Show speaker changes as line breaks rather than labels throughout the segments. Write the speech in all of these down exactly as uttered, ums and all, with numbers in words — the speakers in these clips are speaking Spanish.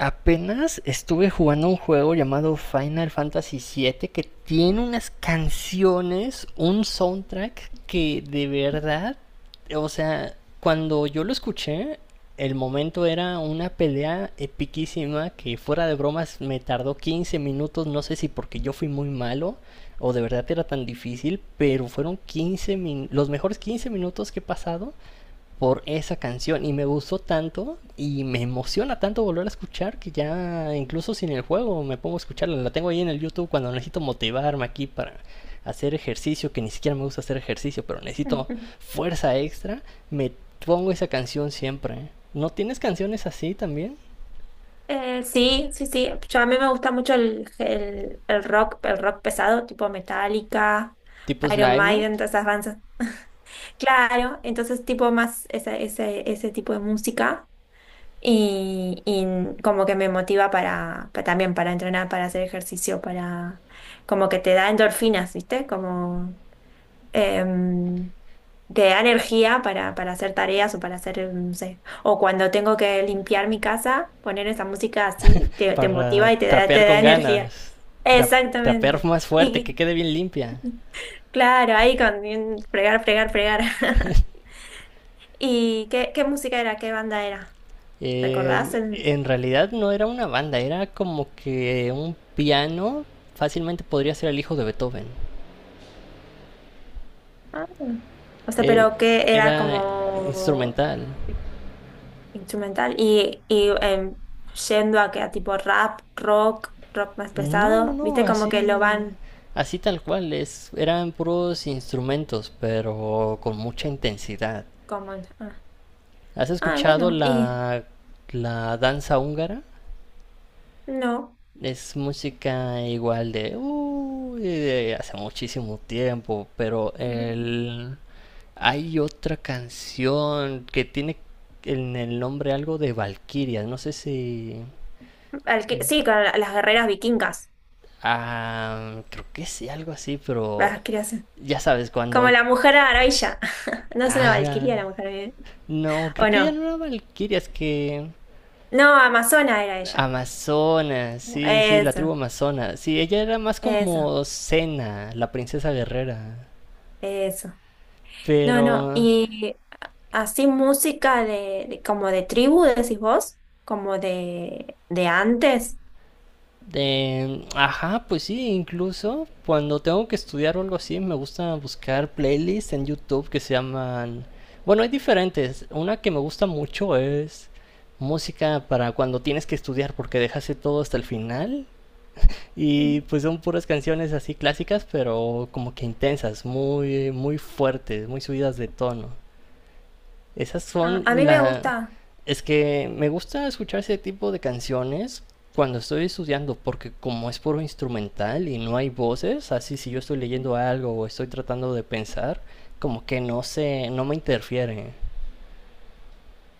Apenas estuve jugando un juego llamado Final Fantasy siete que tiene unas canciones, un soundtrack que de verdad, o sea, cuando yo lo escuché, el momento era una pelea epiquísima que fuera de bromas me tardó quince minutos, no sé si porque yo fui muy malo o de verdad era tan difícil, pero fueron quince min- los mejores quince minutos que he pasado por esa canción y me gustó tanto y me emociona tanto volver a escuchar que ya incluso sin el juego me pongo a escucharla. La tengo ahí en el YouTube cuando necesito motivarme aquí para hacer ejercicio, que ni siquiera me gusta hacer ejercicio, pero necesito
Ujú.
fuerza extra, me pongo esa canción siempre. ¿Eh? ¿No tienes canciones así también?
Eh, sí, sí, sí. Yo, a mí me gusta mucho el, el, el rock, el rock pesado, tipo Metallica,
Tipo
Iron
Slime
Maiden,
Note
todas esas bandas. Claro, entonces tipo más ese, ese, ese tipo de música y, y como que me motiva para, pa- también para entrenar, para hacer ejercicio, para como que te da endorfinas, ¿viste? Como em, Te da energía para, para hacer tareas o para hacer, no sé, o cuando tengo que limpiar mi casa, poner esa música así, te, te motiva
para
y te da, te
trapear
da
con
energía.
ganas, tra- trapear
Exactamente.
más fuerte, que
Y
quede bien limpia.
claro, ahí con fregar, fregar, fregar. ¿Y qué, qué música era? ¿Qué banda era? ¿Recordás?
Eh,
El-
en realidad no era una banda, era como que un piano fácilmente podría ser el hijo de Beethoven.
Ah. O sea,
Eh,
pero que era
Era
como
instrumental.
instrumental y, y em, yendo a que a tipo rap, rock, rock más
No, no,
pesado,
no,
viste como que lo
así,
van...
así tal cual. Es, eran puros instrumentos, pero con mucha intensidad.
Como, ah,
¿Has
ah,
escuchado
bueno, y
la, la danza húngara?
no.
Es música igual de, uy, de hace muchísimo tiempo, pero
Ujú.
el, hay otra canción que tiene en el nombre algo de valquirias, no sé si.
Al que- sí, con la- las guerreras vikingas,
Ah, creo que sí, algo así, pero
las creaciones.
ya sabes,
Como
cuando.
la mujer maravilla. No es una
Ah,
valquiria la mujer maravilla.
no,
¿O
creo que ya
no?
no era Valkyrias, que.
No, Amazona era ella.
Amazonas, sí, sí, la tribu
Eso,
Amazona. Sí, ella era más
eso,
como Cena, la princesa guerrera.
eso. No,
Pero.
no. Y así música de, de- como de tribu, decís vos, como de, de antes.
De, ajá, pues sí, incluso cuando tengo que estudiar o algo así, me gusta buscar playlists en YouTube que se llaman. Bueno, hay diferentes. Una que me gusta mucho es música para cuando tienes que estudiar porque dejaste todo hasta el final.
Ujú.
Y pues son puras canciones así clásicas, pero como que intensas, muy, muy fuertes, muy subidas de tono. Esas
Ah, a
son
mí me
la.
gusta.
Es que me gusta escuchar ese tipo de canciones cuando estoy estudiando, porque como es puro instrumental y no hay voces, así si yo estoy leyendo algo o estoy tratando de pensar, como que no se, no me interfiere.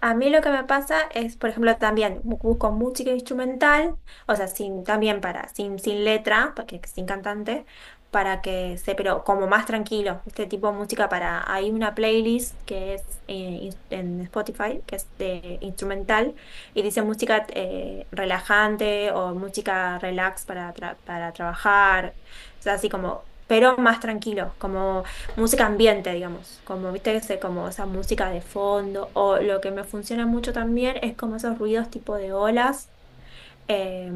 A mí lo que me pasa es, por ejemplo, también bu- busco música instrumental, o sea, sin, también para, sin, sin letra, porque sin cantante, para que se, pero como más tranquilo, este tipo de música para, hay una playlist que es eh, ins- en Spotify, que es de instrumental, y dice música eh, relajante o música relax para, tra- para trabajar, o sea, así como, pero más tranquilo, como música ambiente, digamos, como viste ese, como esa música de fondo, o lo que me funciona mucho también es como esos ruidos tipo de olas. Eh,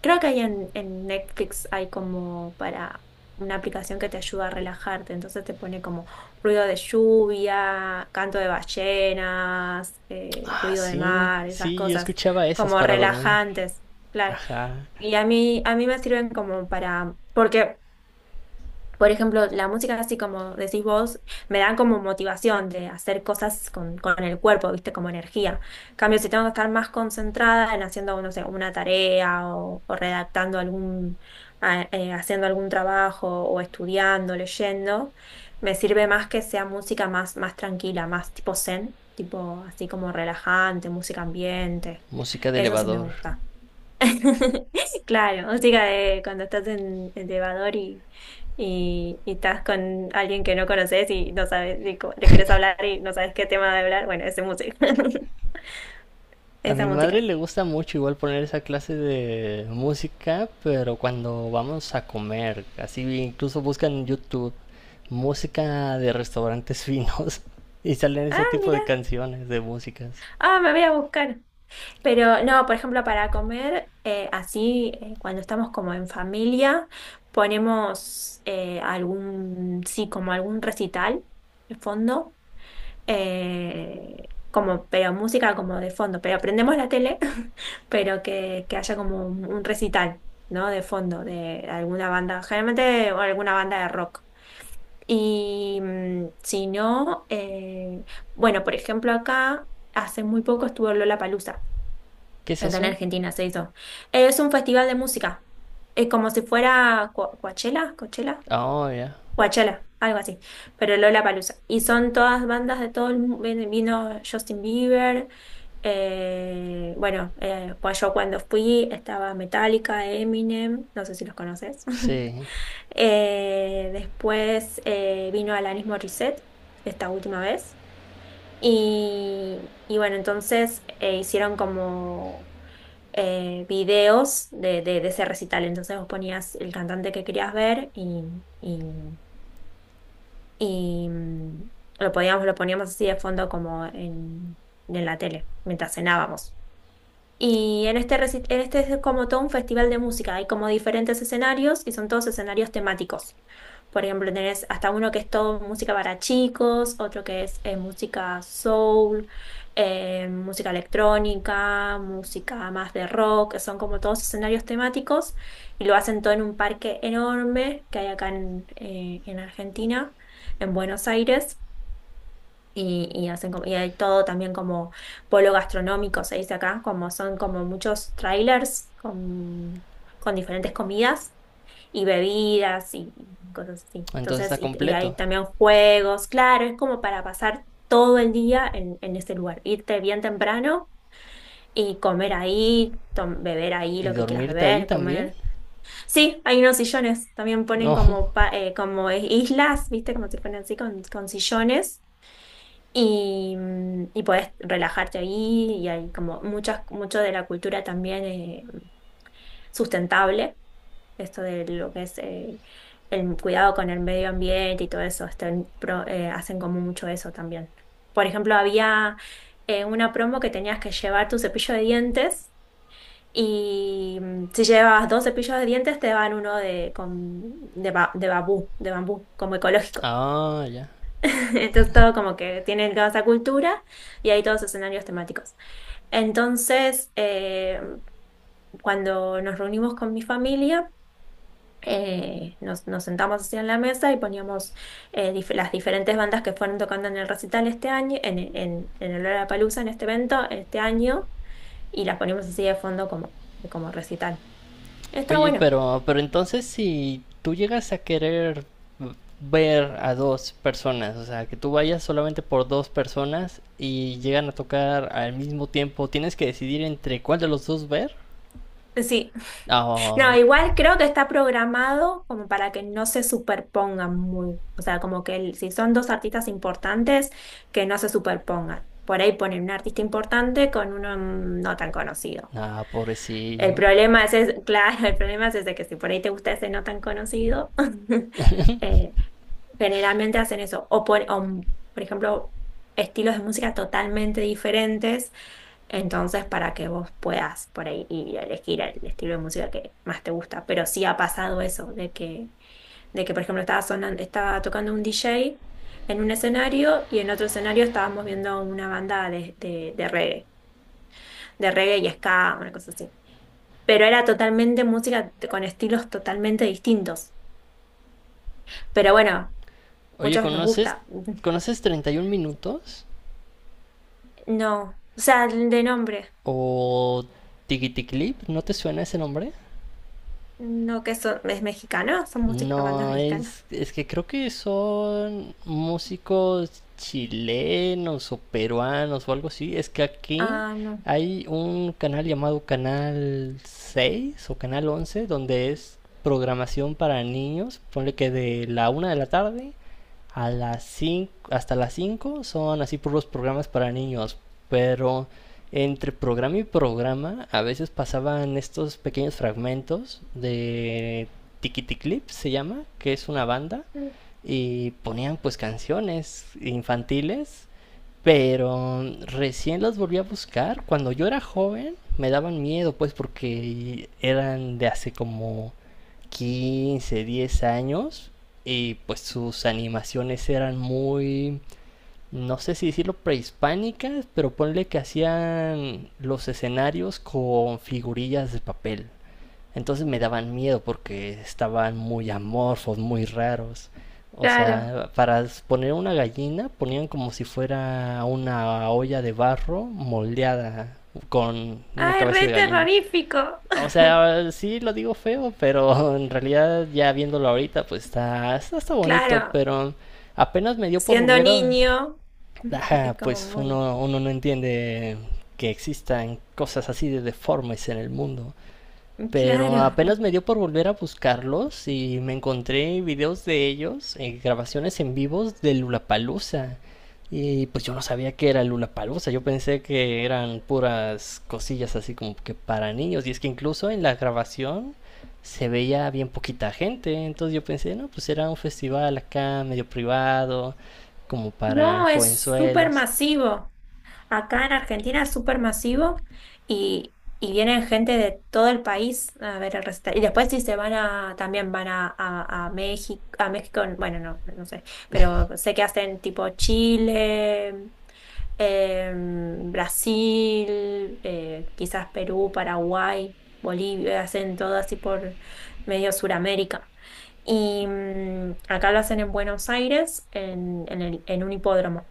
creo que hay en, en Netflix hay como para una aplicación que te ayuda a relajarte, entonces te pone como ruido de lluvia, canto de ballenas, eh,
Ah,
ruido de
sí,
mar, esas
sí, yo
cosas
escuchaba esas
como
para dormir.
relajantes, claro.
Ajá,
Y a mí, a mí me sirven como para, porque por ejemplo, la música, así como decís vos, me da como motivación de hacer cosas con, con el cuerpo, ¿viste? Como energía. En cambio, si tengo que estar más concentrada en haciendo, no sé, una tarea o, o redactando algún, a- eh, haciendo algún trabajo o estudiando, leyendo, me sirve más que sea música más, más tranquila, más tipo zen, tipo así como relajante, música ambiente.
música de
Eso sí me
elevador.
gusta. Claro, música de cuando estás en el elevador y, y, y estás con alguien que no conoces y no sabes, y co- le querés hablar y no sabes qué tema de hablar. Bueno, esa música.
A
Esa
mi madre
música.
le gusta mucho igual poner esa clase de música, pero cuando vamos a comer, así incluso buscan en YouTube música de restaurantes finos y salen ese
Ah,
tipo
mira.
de canciones, de músicas.
Ah, me voy a buscar. Pero no, por ejemplo, para comer, eh, así, eh, cuando estamos como en familia, ponemos eh, algún, sí, como algún recital de fondo eh, como, pero música como de fondo, pero prendemos la tele, pero que, que haya como un, un recital, ¿no? De fondo, de alguna banda, generalmente alguna banda de rock. Y mm, si no, eh, bueno, por ejemplo, acá hace muy poco estuvo Lollapalooza,
¿Qué es
acá en
eso?
Argentina se hizo. Es un festival de música, es como si fuera Co- Coachella, Coachella.
Oh, ya.
Coachella, algo así, pero Lollapalooza. Y son todas bandas de todo el mundo, vino Justin Bieber, eh, bueno, eh, pues yo cuando fui estaba Metallica, Eminem, no sé si los conoces.
Sí.
Eh, después eh, vino Alanis Morissette esta última vez. Y, y bueno, entonces eh, hicieron como eh, videos de, de- de ese recital. Entonces vos ponías el cantante que querías ver y, y y mm, lo podíamos, lo poníamos así de fondo como en, en la tele, mientras cenábamos. Y en este, reci- en este es como todo un festival de música, hay como diferentes escenarios y son todos escenarios temáticos. Por ejemplo, tenés hasta uno que es todo música para chicos, otro que es eh, música soul, eh, música electrónica, música más de rock, son como todos escenarios temáticos y lo hacen todo en un parque enorme que hay acá en, eh, en Argentina, en Buenos Aires y, y hacen como- y hay todo también como polo gastronómico, se dice acá, como son como muchos trailers con, con diferentes comidas y bebidas y, y cosas así.
Entonces
Entonces,
está
y, y hay
completo.
también juegos, claro, es como para pasar todo el día en, en ese lugar, irte bien temprano y comer ahí, tom- beber ahí
¿Y
lo que quieras
dormirte ahí
beber,
también?
comer. Sí, hay unos sillones, también ponen
No.
como, pa- eh, como islas, ¿viste? Como se ponen así con, con sillones y, mm, y puedes relajarte ahí y hay como muchas, mucho de la cultura también eh, sustentable, esto de lo que es eh, el cuidado con el medio ambiente y todo eso, están pro- eh, hacen como mucho eso también. Por ejemplo, había eh, una promo que tenías que llevar tu cepillo de dientes y mm, si llevabas dos cepillos de dientes te daban uno de, con, de, ba- de bambú, de bambú, como ecológico.
Ah, ya.
Entonces todo como que tiene toda esa cultura y hay todos escenarios temáticos. Entonces, eh, cuando nos reunimos con mi familia, eh, nos, nos sentamos así en la mesa y poníamos eh, dif- las diferentes bandas que fueron tocando en el recital este año, en, en, en el Lollapalooza, en este evento, este año, y las poníamos así de fondo como, como recital. Está
Oye,
bueno.
pero, pero entonces si tú llegas a querer ver a dos personas, o sea, que tú vayas solamente por dos personas y llegan a tocar al mismo tiempo, tienes que decidir entre cuál de los dos ver.
Sí.
Ah,
No, igual creo que está programado como para que no se superpongan muy, o sea, como que el- si son dos artistas importantes, que no se superpongan. Por ahí ponen un artista importante con uno mm, no tan conocido.
ah,
El
pobrecillo.
problema es, es- claro, el problema es ese que si por ahí te gusta ese no tan conocido, eh, generalmente hacen eso. O por, o, mm, por ejemplo, estilos de música totalmente diferentes entonces, para que vos puedas por ahí ir elegir el estilo de música que más te gusta. Pero sí ha pasado eso, de que, de que por ejemplo, estaba sonando, estaba tocando un D J en un escenario y en otro escenario estábamos viendo una banda de, de, de reggae, de reggae, y ska, una cosa así. Pero era totalmente música t- con estilos totalmente distintos. Pero bueno,
Oye,
muchos nos
¿conoces,
gusta.
¿conoces 31 minutos?
No, o sea, el de nombre,
¿O Tiki Clip? ¿No te suena ese nombre?
no que son, es mexicano, son música, bandas
No,
mexicanas.
es, es que creo que son músicos chilenos o peruanos o algo así. Es que aquí
Ah, no.
hay un canal llamado Canal seis o Canal once donde es programación para niños. Ponle que de la una de la tarde a las cinco, hasta las cinco son así puros programas para niños. Pero entre programa y programa a veces pasaban estos pequeños fragmentos de Tiquiticlip se llama, que es una banda, y ponían pues canciones infantiles, pero recién las volví a buscar. Cuando yo era joven me daban miedo pues porque eran de hace como quince diez años y pues sus animaciones eran muy, no sé si decirlo prehispánicas, pero ponle que hacían los escenarios con figurillas de papel. Entonces me daban miedo porque estaban muy amorfos, muy raros. O
Claro.
sea, para poner una gallina ponían como si fuera una olla de barro moldeada con una
Ay,
cabeza
re
de gallina.
terrorífico.
O sea, sí lo digo feo, pero en realidad ya viéndolo ahorita pues está, está, está bonito,
Claro,
pero apenas me dio por
siendo
volver a.
niño,
Ajá,
es como
pues
muy...
uno, uno no entiende que existan cosas así de deformes en el mundo. Pero
Claro.
apenas me dio por volver a buscarlos y me encontré videos de ellos, eh, grabaciones en vivos de Lulapalooza. Y pues yo no sabía que era Lulapalooza, yo pensé que eran puras cosillas así como que para niños. Y es que incluso en la grabación se veía bien poquita gente, entonces yo pensé, no, pues era un festival acá medio privado, como para
No, es súper
jovenzuelos.
masivo. Acá en Argentina es súper masivo y, y vienen gente de todo el país a ver el recital. Y después si se van a, también van a, a, a México, a México, bueno, no, no sé, pero sé que hacen tipo Chile, em, Brasil, eh, quizás Perú, Paraguay, Bolivia, hacen todo así por medio Suramérica. Y mm, acá lo hacen en Buenos Aires, en, en el- en un hipódromo.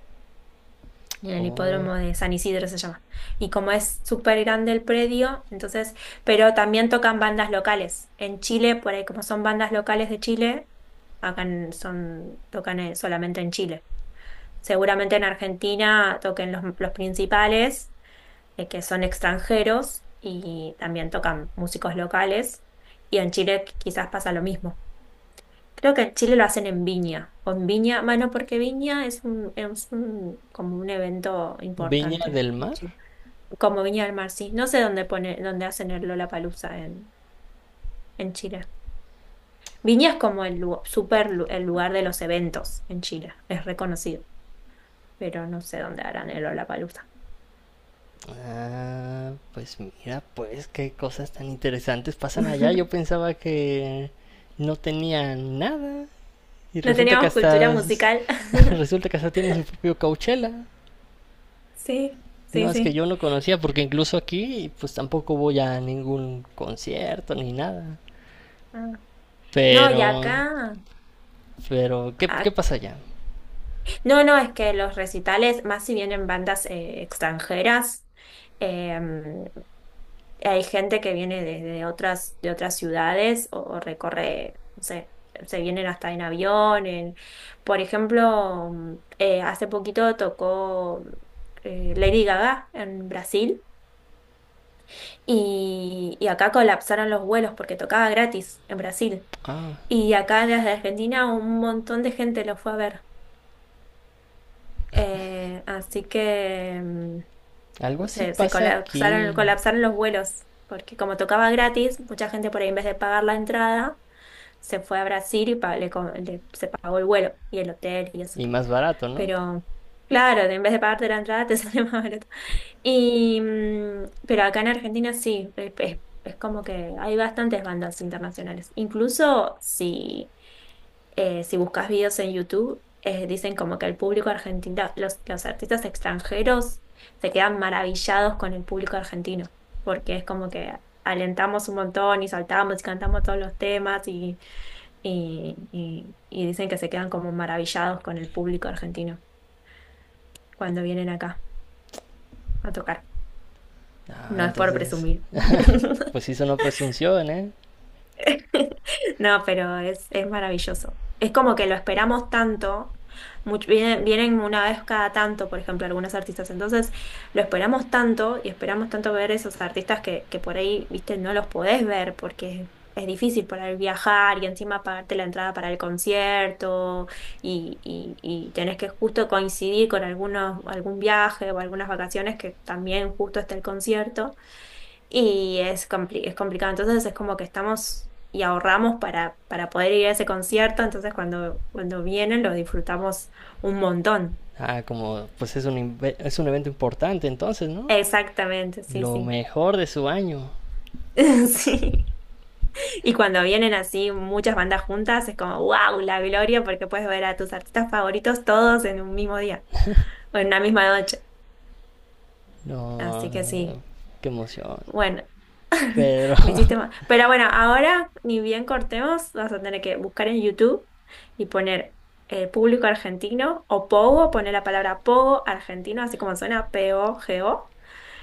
En el
Oh,
hipódromo de San Isidro se llama. Y como es súper grande el predio, entonces, pero también tocan bandas locales. En Chile, por ahí como son bandas locales de Chile, acá en- son, tocan eh, solamente en Chile. Seguramente en Argentina toquen los, los principales, eh, que son extranjeros, y también tocan músicos locales. Y en Chile qu- quizás pasa lo mismo. Creo que en Chile lo hacen en Viña, o en Viña, bueno, porque Viña es un, es un, como un evento
Viña
importante,
del
en
Mar.
Chile. Como Viña del Mar, sí. No sé dónde pone, dónde hacen el Lollapalooza en, en Chile. Viña es como el lu- super lu- el lugar de los eventos en Chile, es reconocido, pero no sé dónde harán el Lollapalooza.
Ah, pues mira, pues qué cosas tan interesantes pasan allá. Yo pensaba que no tenía nada y
No
resulta que
teníamos cultura
hasta s-
musical.
resulta que hasta tiene su propio Coachella.
Sí,
No
sí,
es que
sí.
yo no conocía porque incluso aquí pues tampoco voy a ningún concierto ni nada.
Ah. No, y
Pero
acá,
pero ¿qué qué pasa allá?
no, no, es que los recitales, más si vienen bandas eh, extranjeras, em, hay gente que viene de, de otras, de otras ciudades o, o recorre, no sé, se vienen hasta en avión. en- por ejemplo, mm, eh, hace poquito tocó eh, Lady Gaga en Brasil y, y acá colapsaron los vuelos porque tocaba gratis en Brasil.
Ah,
Y acá desde Argentina un montón de gente lo fue a ver. Eh, así que... mm,
algo así
se, se
pasa
colapsaron,
aquí
colapsaron los vuelos, porque como tocaba gratis, mucha gente por ahí en vez de pagar la entrada, se fue a Brasil y pa- le co- le- se pagó el vuelo y el hotel y eso.
y más barato, ¿no?
Pero claro, en vez de pagarte la entrada, te sale más barato y, mm, pero acá en Argentina sí, es, es- es como que hay bastantes bandas internacionales. Incluso si, eh, si buscas videos en YouTube, eh, dicen como que el público argentino, los, los artistas extranjeros se quedan maravillados con el público argentino, porque es como que alentamos un montón y saltamos y cantamos todos los temas y, y, y y dicen que se quedan como maravillados con el público argentino cuando vienen acá a tocar.
Ah,
No es por
entonces
presumir.
pues sí sonó presunción, ¿eh?
No, pero es, es maravilloso. Es como que lo esperamos tanto. much- vienen, vienen una vez cada tanto, por ejemplo, algunos artistas. Entonces, lo esperamos tanto y esperamos tanto ver esos artistas que, que por ahí, viste, no los podés ver porque es difícil por ahí viajar y encima pagarte la entrada para el concierto y, y, y tenés que justo coincidir con algunos, algún viaje o algunas vacaciones que también justo está el concierto. Y es compli- es complicado. Entonces es como que estamos y ahorramos para, para poder ir a ese concierto. Entonces cuando, cuando vienen lo disfrutamos un montón.
Ah, como pues es un, inve- es un evento importante entonces, ¿no?
Exactamente, sí,
Lo
sí.
mejor de su año.
Sí. Y cuando vienen así muchas bandas juntas, es como, wow, la gloria, porque puedes ver a tus artistas favoritos todos en un mismo día o en una misma noche. Así que sí.
No, qué emoción.
Bueno,
Pero
me hiciste mal. Pero bueno, ahora ni bien cortemos, vas a tener que buscar en YouTube y poner eh, público argentino o Pogo, poner la palabra Pogo argentino, así como suena P O G O,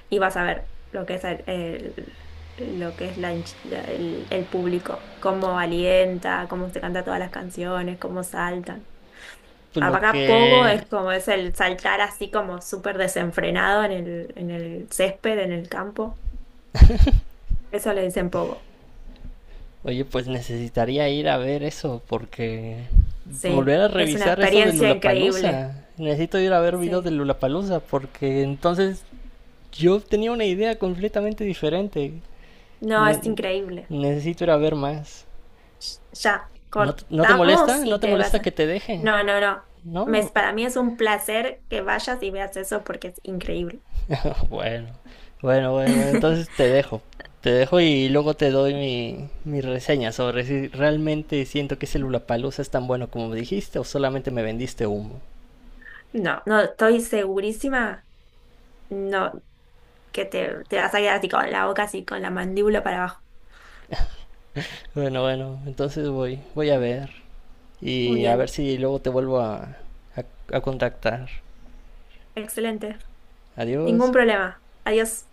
y vas a ver lo que es el, el- lo que es la hinch- la- el, el público, cómo alienta, cómo se canta todas las canciones, cómo saltan.
pues lo
Acá Pogo es
que.
como es el saltar así como súper desenfrenado en el, en el césped, en el campo. Eso le dicen Pogo.
Oye, pues necesitaría ir a ver eso porque.
Sí,
Volver a
es una
revisar eso de
experiencia increíble.
Lulapalooza. Necesito ir a ver videos
Sí,
de Lulapalooza porque entonces yo tenía una idea completamente diferente.
no, es
Ne-
increíble.
Necesito ir a ver más.
Ya,
¿No, te- ¿No te molesta?
cortamos
¿No
y
te
te vas
molesta que
a...
te deje?
No, no, no. Me
No,
es- para mí es un placer que vayas y veas eso porque es increíble.
bueno, bueno, bueno, bueno, entonces te dejo. Te dejo y luego te doy mi, mi reseña sobre si realmente siento que Palusa es tan bueno como me dijiste o solamente me vendiste humo.
No, no, estoy segurísima, no, que te, te vas a quedar así con la boca, así con la mandíbula para abajo.
Bueno, bueno, entonces voy, voy a ver
Muy
y a ver
bien,
si luego te vuelvo a, a, a contactar.
excelente. Ningún
Adiós.
problema. Adiós.